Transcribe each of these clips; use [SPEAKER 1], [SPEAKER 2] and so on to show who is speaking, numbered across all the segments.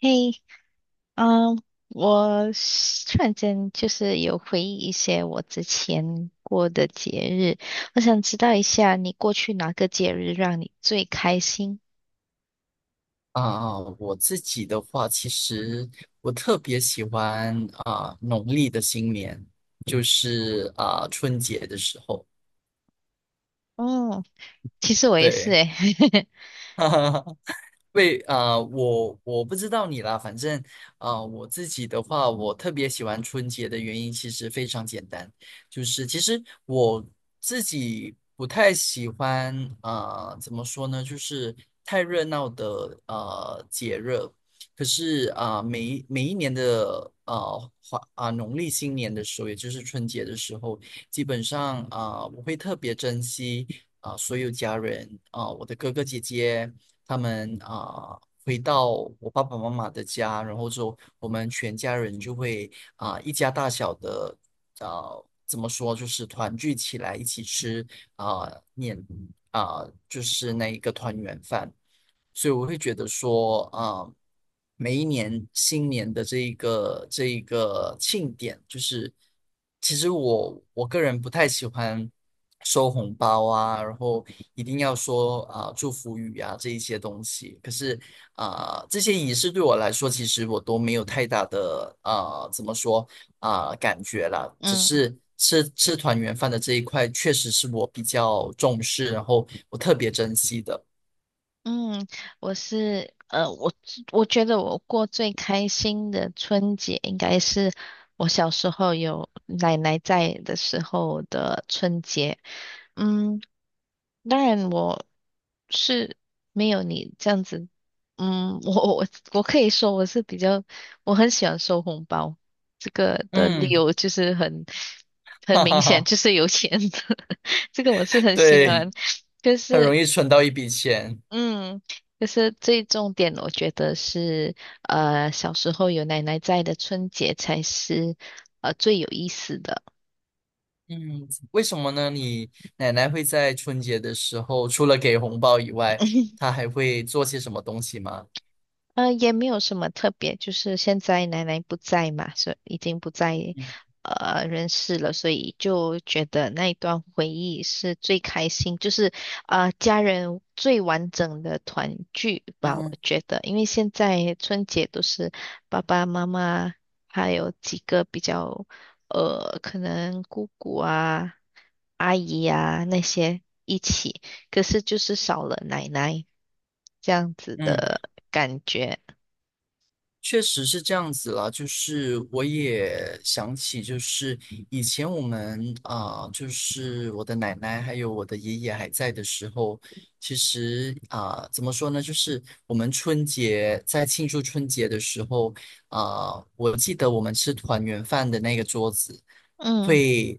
[SPEAKER 1] 嘿，嗯，我是突然间就是有回忆一些我之前过的节日，我想知道一下你过去哪个节日让你最开心？
[SPEAKER 2] 我自己的话，其实我特别喜欢农历的新年，就是春节的时候，
[SPEAKER 1] 哦，其实我也是
[SPEAKER 2] 对，
[SPEAKER 1] 诶，
[SPEAKER 2] 对，我不知道你啦，反正我自己的话，我特别喜欢春节的原因其实非常简单，就是其实我自己不太喜欢怎么说呢，就是太热闹的节日。可是每一年的呃华啊、农历新年的时候，也就是春节的时候，基本上我会特别珍惜所有家人我的哥哥姐姐。他们回到我爸爸妈妈的家，然后之后我们全家人就会一家大小的啊、怎么说就是团聚起来一起吃啊、年啊、就是那一个团圆饭。所以我会觉得说，每一年新年的这一个庆典，就是其实我个人不太喜欢收红包啊，然后一定要说祝福语啊这一些东西。可是这些仪式对我来说，其实我都没有太大的怎么说感觉啦，只
[SPEAKER 1] 嗯。
[SPEAKER 2] 是。吃吃团圆饭的这一块，确实是我比较重视，然后我特别珍惜的。
[SPEAKER 1] 嗯，我是我觉得我过最开心的春节应该是我小时候有奶奶在的时候的春节。嗯，当然我是没有你这样子，嗯，我可以说我是比较，我很喜欢收红包，这个的理
[SPEAKER 2] 嗯，
[SPEAKER 1] 由就是很
[SPEAKER 2] 哈
[SPEAKER 1] 明
[SPEAKER 2] 哈
[SPEAKER 1] 显，
[SPEAKER 2] 哈，
[SPEAKER 1] 就是有钱的 这个我是很喜
[SPEAKER 2] 对，
[SPEAKER 1] 欢，就
[SPEAKER 2] 很
[SPEAKER 1] 是。
[SPEAKER 2] 容易存到一笔钱。
[SPEAKER 1] 嗯，就是最重点，我觉得是，小时候有奶奶在的春节才是，最有意思的。
[SPEAKER 2] 嗯，为什么呢？你奶奶会在春节的时候，除了给红包以外，她还会做些什么东西吗？
[SPEAKER 1] 也没有什么特别，就是现在奶奶不在嘛，所以已经不在
[SPEAKER 2] 嗯
[SPEAKER 1] 人世了，所以就觉得那一段回忆是最开心，就是家人最完整的团聚吧，我
[SPEAKER 2] 嗯
[SPEAKER 1] 觉得，因为现在春节都是爸爸妈妈还有几个比较可能姑姑啊、阿姨啊那些一起，可是就是少了奶奶这样子
[SPEAKER 2] 嗯。
[SPEAKER 1] 的感觉。
[SPEAKER 2] 确实是这样子了，就是我也想起，就是以前我们就是我的奶奶还有我的爷爷还在的时候，其实怎么说呢，就是我们春节在庆祝春节的时候我记得我们吃团圆饭的那个桌子。
[SPEAKER 1] 嗯
[SPEAKER 2] 会。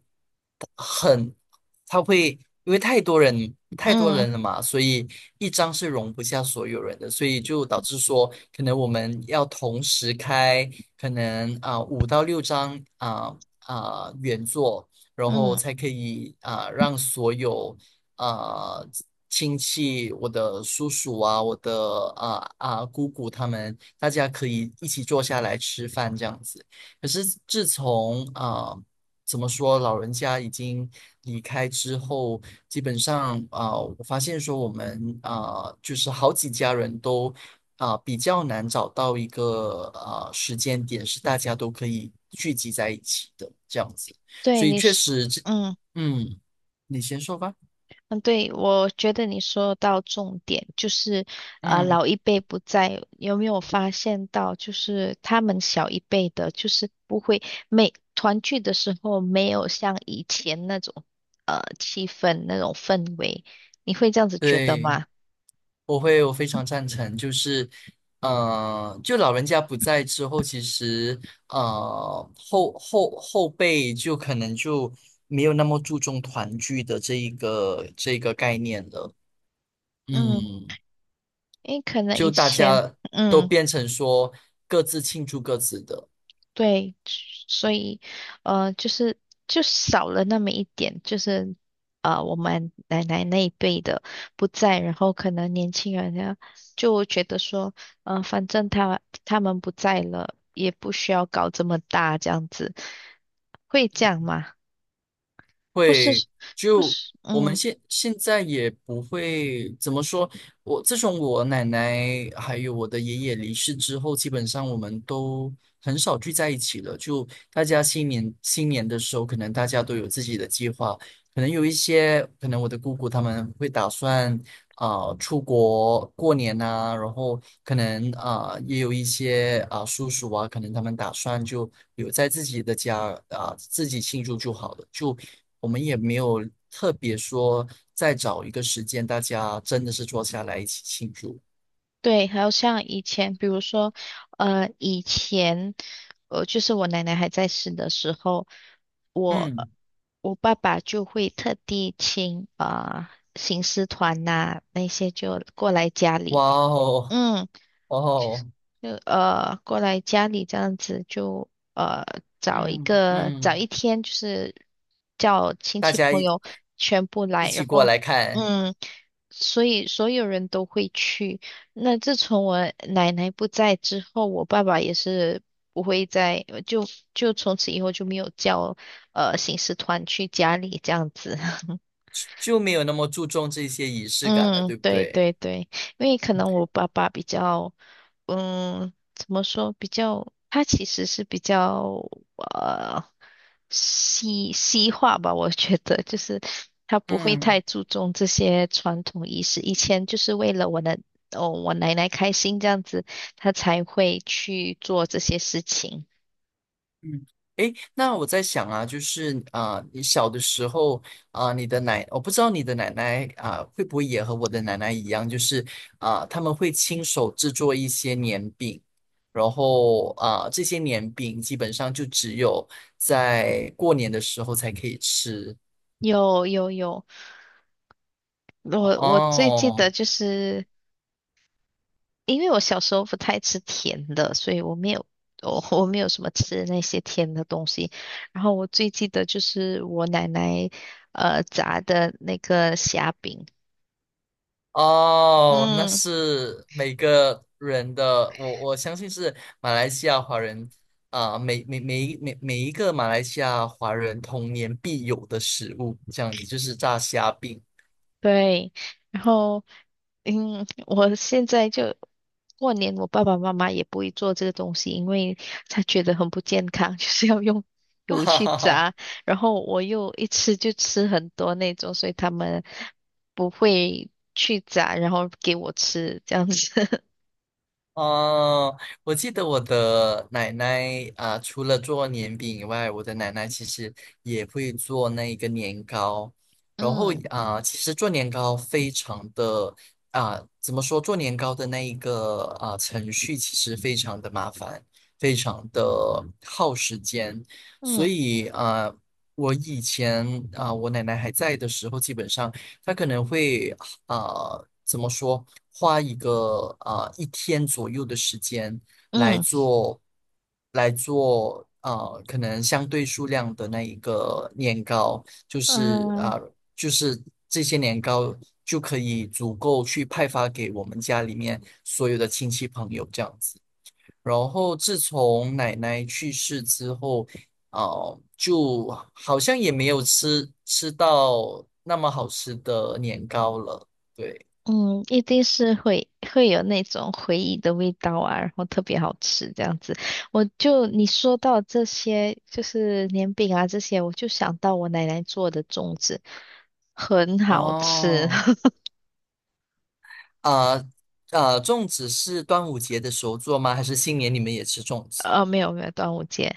[SPEAKER 2] 它会因为太多人太多
[SPEAKER 1] 嗯
[SPEAKER 2] 人了嘛，所以一张是容不下所有人的，所以就导致说，可能我们要同时开，可能5到6张原作，然后
[SPEAKER 1] 嗯，
[SPEAKER 2] 才可以让所有啊亲戚，我的叔叔啊，我的姑姑他们，大家可以一起坐下来吃饭这样子。可是自从。怎么说，老人家已经离开之后，基本上我发现说我们就是好几家人都比较难找到一个时间点是大家都可以聚集在一起的这样子，
[SPEAKER 1] 对，
[SPEAKER 2] 所以
[SPEAKER 1] 你
[SPEAKER 2] 确
[SPEAKER 1] 是，
[SPEAKER 2] 实这，
[SPEAKER 1] 嗯
[SPEAKER 2] 嗯，你先说吧，
[SPEAKER 1] 嗯，对，我觉得你说到重点，就是
[SPEAKER 2] 嗯，
[SPEAKER 1] 老一辈不在，有没有发现到，就是他们小一辈的，就是不会每团聚的时候没有像以前那种气氛那种氛围，你会这样子觉得
[SPEAKER 2] 对。
[SPEAKER 1] 吗？
[SPEAKER 2] 我会，我非常赞成，就是，就老人家不在之后，其实，后辈就可能就没有那么注重团聚的这一个这个概念了，
[SPEAKER 1] 嗯，
[SPEAKER 2] 嗯，
[SPEAKER 1] 因为可能
[SPEAKER 2] 就
[SPEAKER 1] 以
[SPEAKER 2] 大
[SPEAKER 1] 前，
[SPEAKER 2] 家都
[SPEAKER 1] 嗯。
[SPEAKER 2] 变成说各自庆祝各自的。
[SPEAKER 1] 对，所以就是就少了那么一点，就是我们奶奶那一辈的不在，然后可能年轻人呢就觉得说，反正他们不在了，也不需要搞这么大这样子，会这样吗？不是，
[SPEAKER 2] 会
[SPEAKER 1] 不
[SPEAKER 2] 就
[SPEAKER 1] 是，
[SPEAKER 2] 我们
[SPEAKER 1] 嗯。
[SPEAKER 2] 现在也不会怎么说，我自从我奶奶还有我的爷爷离世之后，基本上我们都很少聚在一起了。就大家新年的时候，可能大家都有自己的计划，可能有一些，可能我的姑姑他们会打算出国过年呐，然后可能也有一些叔叔啊，可能他们打算就留在自己的家自己庆祝就好了，就我们也没有特别说再找一个时间，大家真的是坐下来一起庆祝。
[SPEAKER 1] 对，还有像以前，比如说，以前，就是我奶奶还在世的时候，我
[SPEAKER 2] 嗯
[SPEAKER 1] 我爸爸就会特地请行尸团呐、那些就过来家
[SPEAKER 2] 哇
[SPEAKER 1] 里，
[SPEAKER 2] 哦，
[SPEAKER 1] 嗯。
[SPEAKER 2] 哇哦，
[SPEAKER 1] 就过来家里这样子就呃
[SPEAKER 2] 嗯
[SPEAKER 1] 找
[SPEAKER 2] 嗯，
[SPEAKER 1] 一天，就是叫亲
[SPEAKER 2] 大
[SPEAKER 1] 戚
[SPEAKER 2] 家
[SPEAKER 1] 朋
[SPEAKER 2] 一
[SPEAKER 1] 友全部
[SPEAKER 2] 一
[SPEAKER 1] 来，然
[SPEAKER 2] 起过
[SPEAKER 1] 后
[SPEAKER 2] 来看，
[SPEAKER 1] 嗯，所以所有人都会去。那自从我奶奶不在之后，我爸爸也是不会再就就从此以后就没有叫行事团去家里这样子。
[SPEAKER 2] 就没有那么注重这些仪式感了，
[SPEAKER 1] 嗯，
[SPEAKER 2] 对不
[SPEAKER 1] 对
[SPEAKER 2] 对？
[SPEAKER 1] 对对，因为可能我爸爸比较，嗯，怎么说，比较，他其实是比较呃西西化吧，我觉得就是他不会
[SPEAKER 2] 嗯。
[SPEAKER 1] 太注重这些传统仪式，以前就是为了我的哦我奶奶开心这样子，他才会去做这些事情。
[SPEAKER 2] 嗯，诶，那我在想啊，就是你小的时候你的奶，我不知道你的奶奶会不会也和我的奶奶一样，就是他们会亲手制作一些年饼，然后这些年饼基本上就只有在过年的时候才可以吃
[SPEAKER 1] 有有有，我最记得
[SPEAKER 2] 哦。
[SPEAKER 1] 就是。因为我小时候不太吃甜的，所以我没有我没有什么吃那些甜的东西。然后我最记得就是我奶奶炸的那个虾饼，
[SPEAKER 2] 哦，那
[SPEAKER 1] 嗯，
[SPEAKER 2] 是每个人的，我相信是马来西亚华人每一个马来西亚华人童年必有的食物，这样子就是炸虾饼，
[SPEAKER 1] 对，然后嗯，我现在就过年，我爸爸妈妈也不会做这个东西，因为他觉得很不健康，就是要用 油
[SPEAKER 2] 哈
[SPEAKER 1] 去
[SPEAKER 2] 哈哈。
[SPEAKER 1] 炸，然后我又一吃就吃很多那种，所以他们不会去炸，然后给我吃这样子。
[SPEAKER 2] 哦，我记得我的奶奶,除了做年饼以外，我的奶奶其实也会做那个年糕。然后
[SPEAKER 1] 嗯
[SPEAKER 2] 其实做年糕非常的怎么说？做年糕的那一个程序其实非常的麻烦，非常的耗时间。所
[SPEAKER 1] 嗯
[SPEAKER 2] 以我以前我奶奶还在的时候，基本上她可能会怎么说，花一个一天左右的时间来
[SPEAKER 1] 嗯
[SPEAKER 2] 做，可能相对数量的那一个年糕，就是
[SPEAKER 1] 嗯，
[SPEAKER 2] 这些年糕就可以足够去派发给我们家里面所有的亲戚朋友这样子。然后自从奶奶去世之后，就好像也没有吃到那么好吃的年糕了。对，
[SPEAKER 1] 嗯，一定是会有那种回忆的味道啊，然后特别好吃这样子。我就你说到这些，就是年饼啊这些，我就想到我奶奶做的粽子，很好吃。
[SPEAKER 2] 哦，啊、呃粽子是端午节的时候做吗？还是新年你们也吃粽子？
[SPEAKER 1] 没有没有，端午节。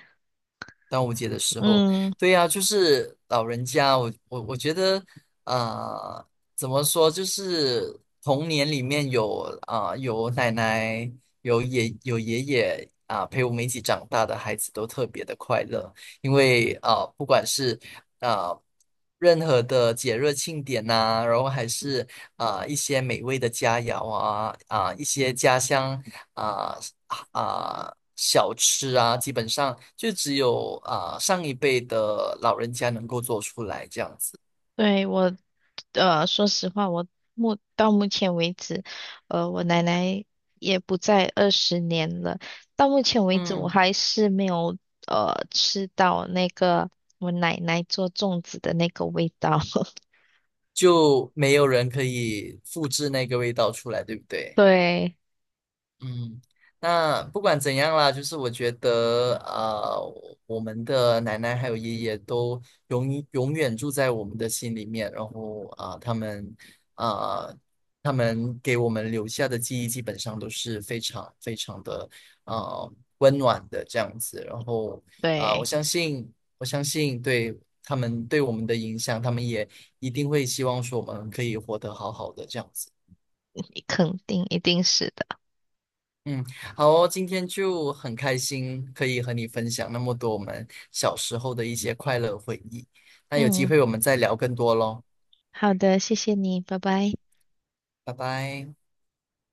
[SPEAKER 2] 端午节的时候，
[SPEAKER 1] 嗯，
[SPEAKER 2] 对呀，就是老人家，我觉得，啊，怎么说，就是童年里面有有奶奶，有爷爷陪我们一起长大的孩子都特别的快乐，因为不管是啊、呃任何的节日庆典呐，然后还是一些美味的佳肴一些家乡啊小吃啊，基本上就只有上一辈的老人家能够做出来这样子，
[SPEAKER 1] 对，我说实话，我目前为止，我奶奶也不在20年了。到目前为止，我
[SPEAKER 2] 嗯，
[SPEAKER 1] 还是没有吃到那个我奶奶做粽子的那个味道。
[SPEAKER 2] 就没有人可以复制那个味道出来，对不对？
[SPEAKER 1] 对
[SPEAKER 2] 嗯，那不管怎样啦，就是我觉得，我们的奶奶还有爷爷都永远住在我们的心里面，然后啊、呃他们给我们留下的记忆基本上都是非常非常的呃温暖的这样子，然后我
[SPEAKER 1] 对，
[SPEAKER 2] 相信，对他们对我们的影响，他们也一定会希望说我们可以活得好好的这样子。
[SPEAKER 1] 肯定一定是的。
[SPEAKER 2] 嗯，好哦，今天就很开心可以和你分享那么多我们小时候的一些快乐回忆。那有机
[SPEAKER 1] 嗯，
[SPEAKER 2] 会我们再聊更多喽，
[SPEAKER 1] 好的，谢谢你，拜拜。
[SPEAKER 2] 拜拜。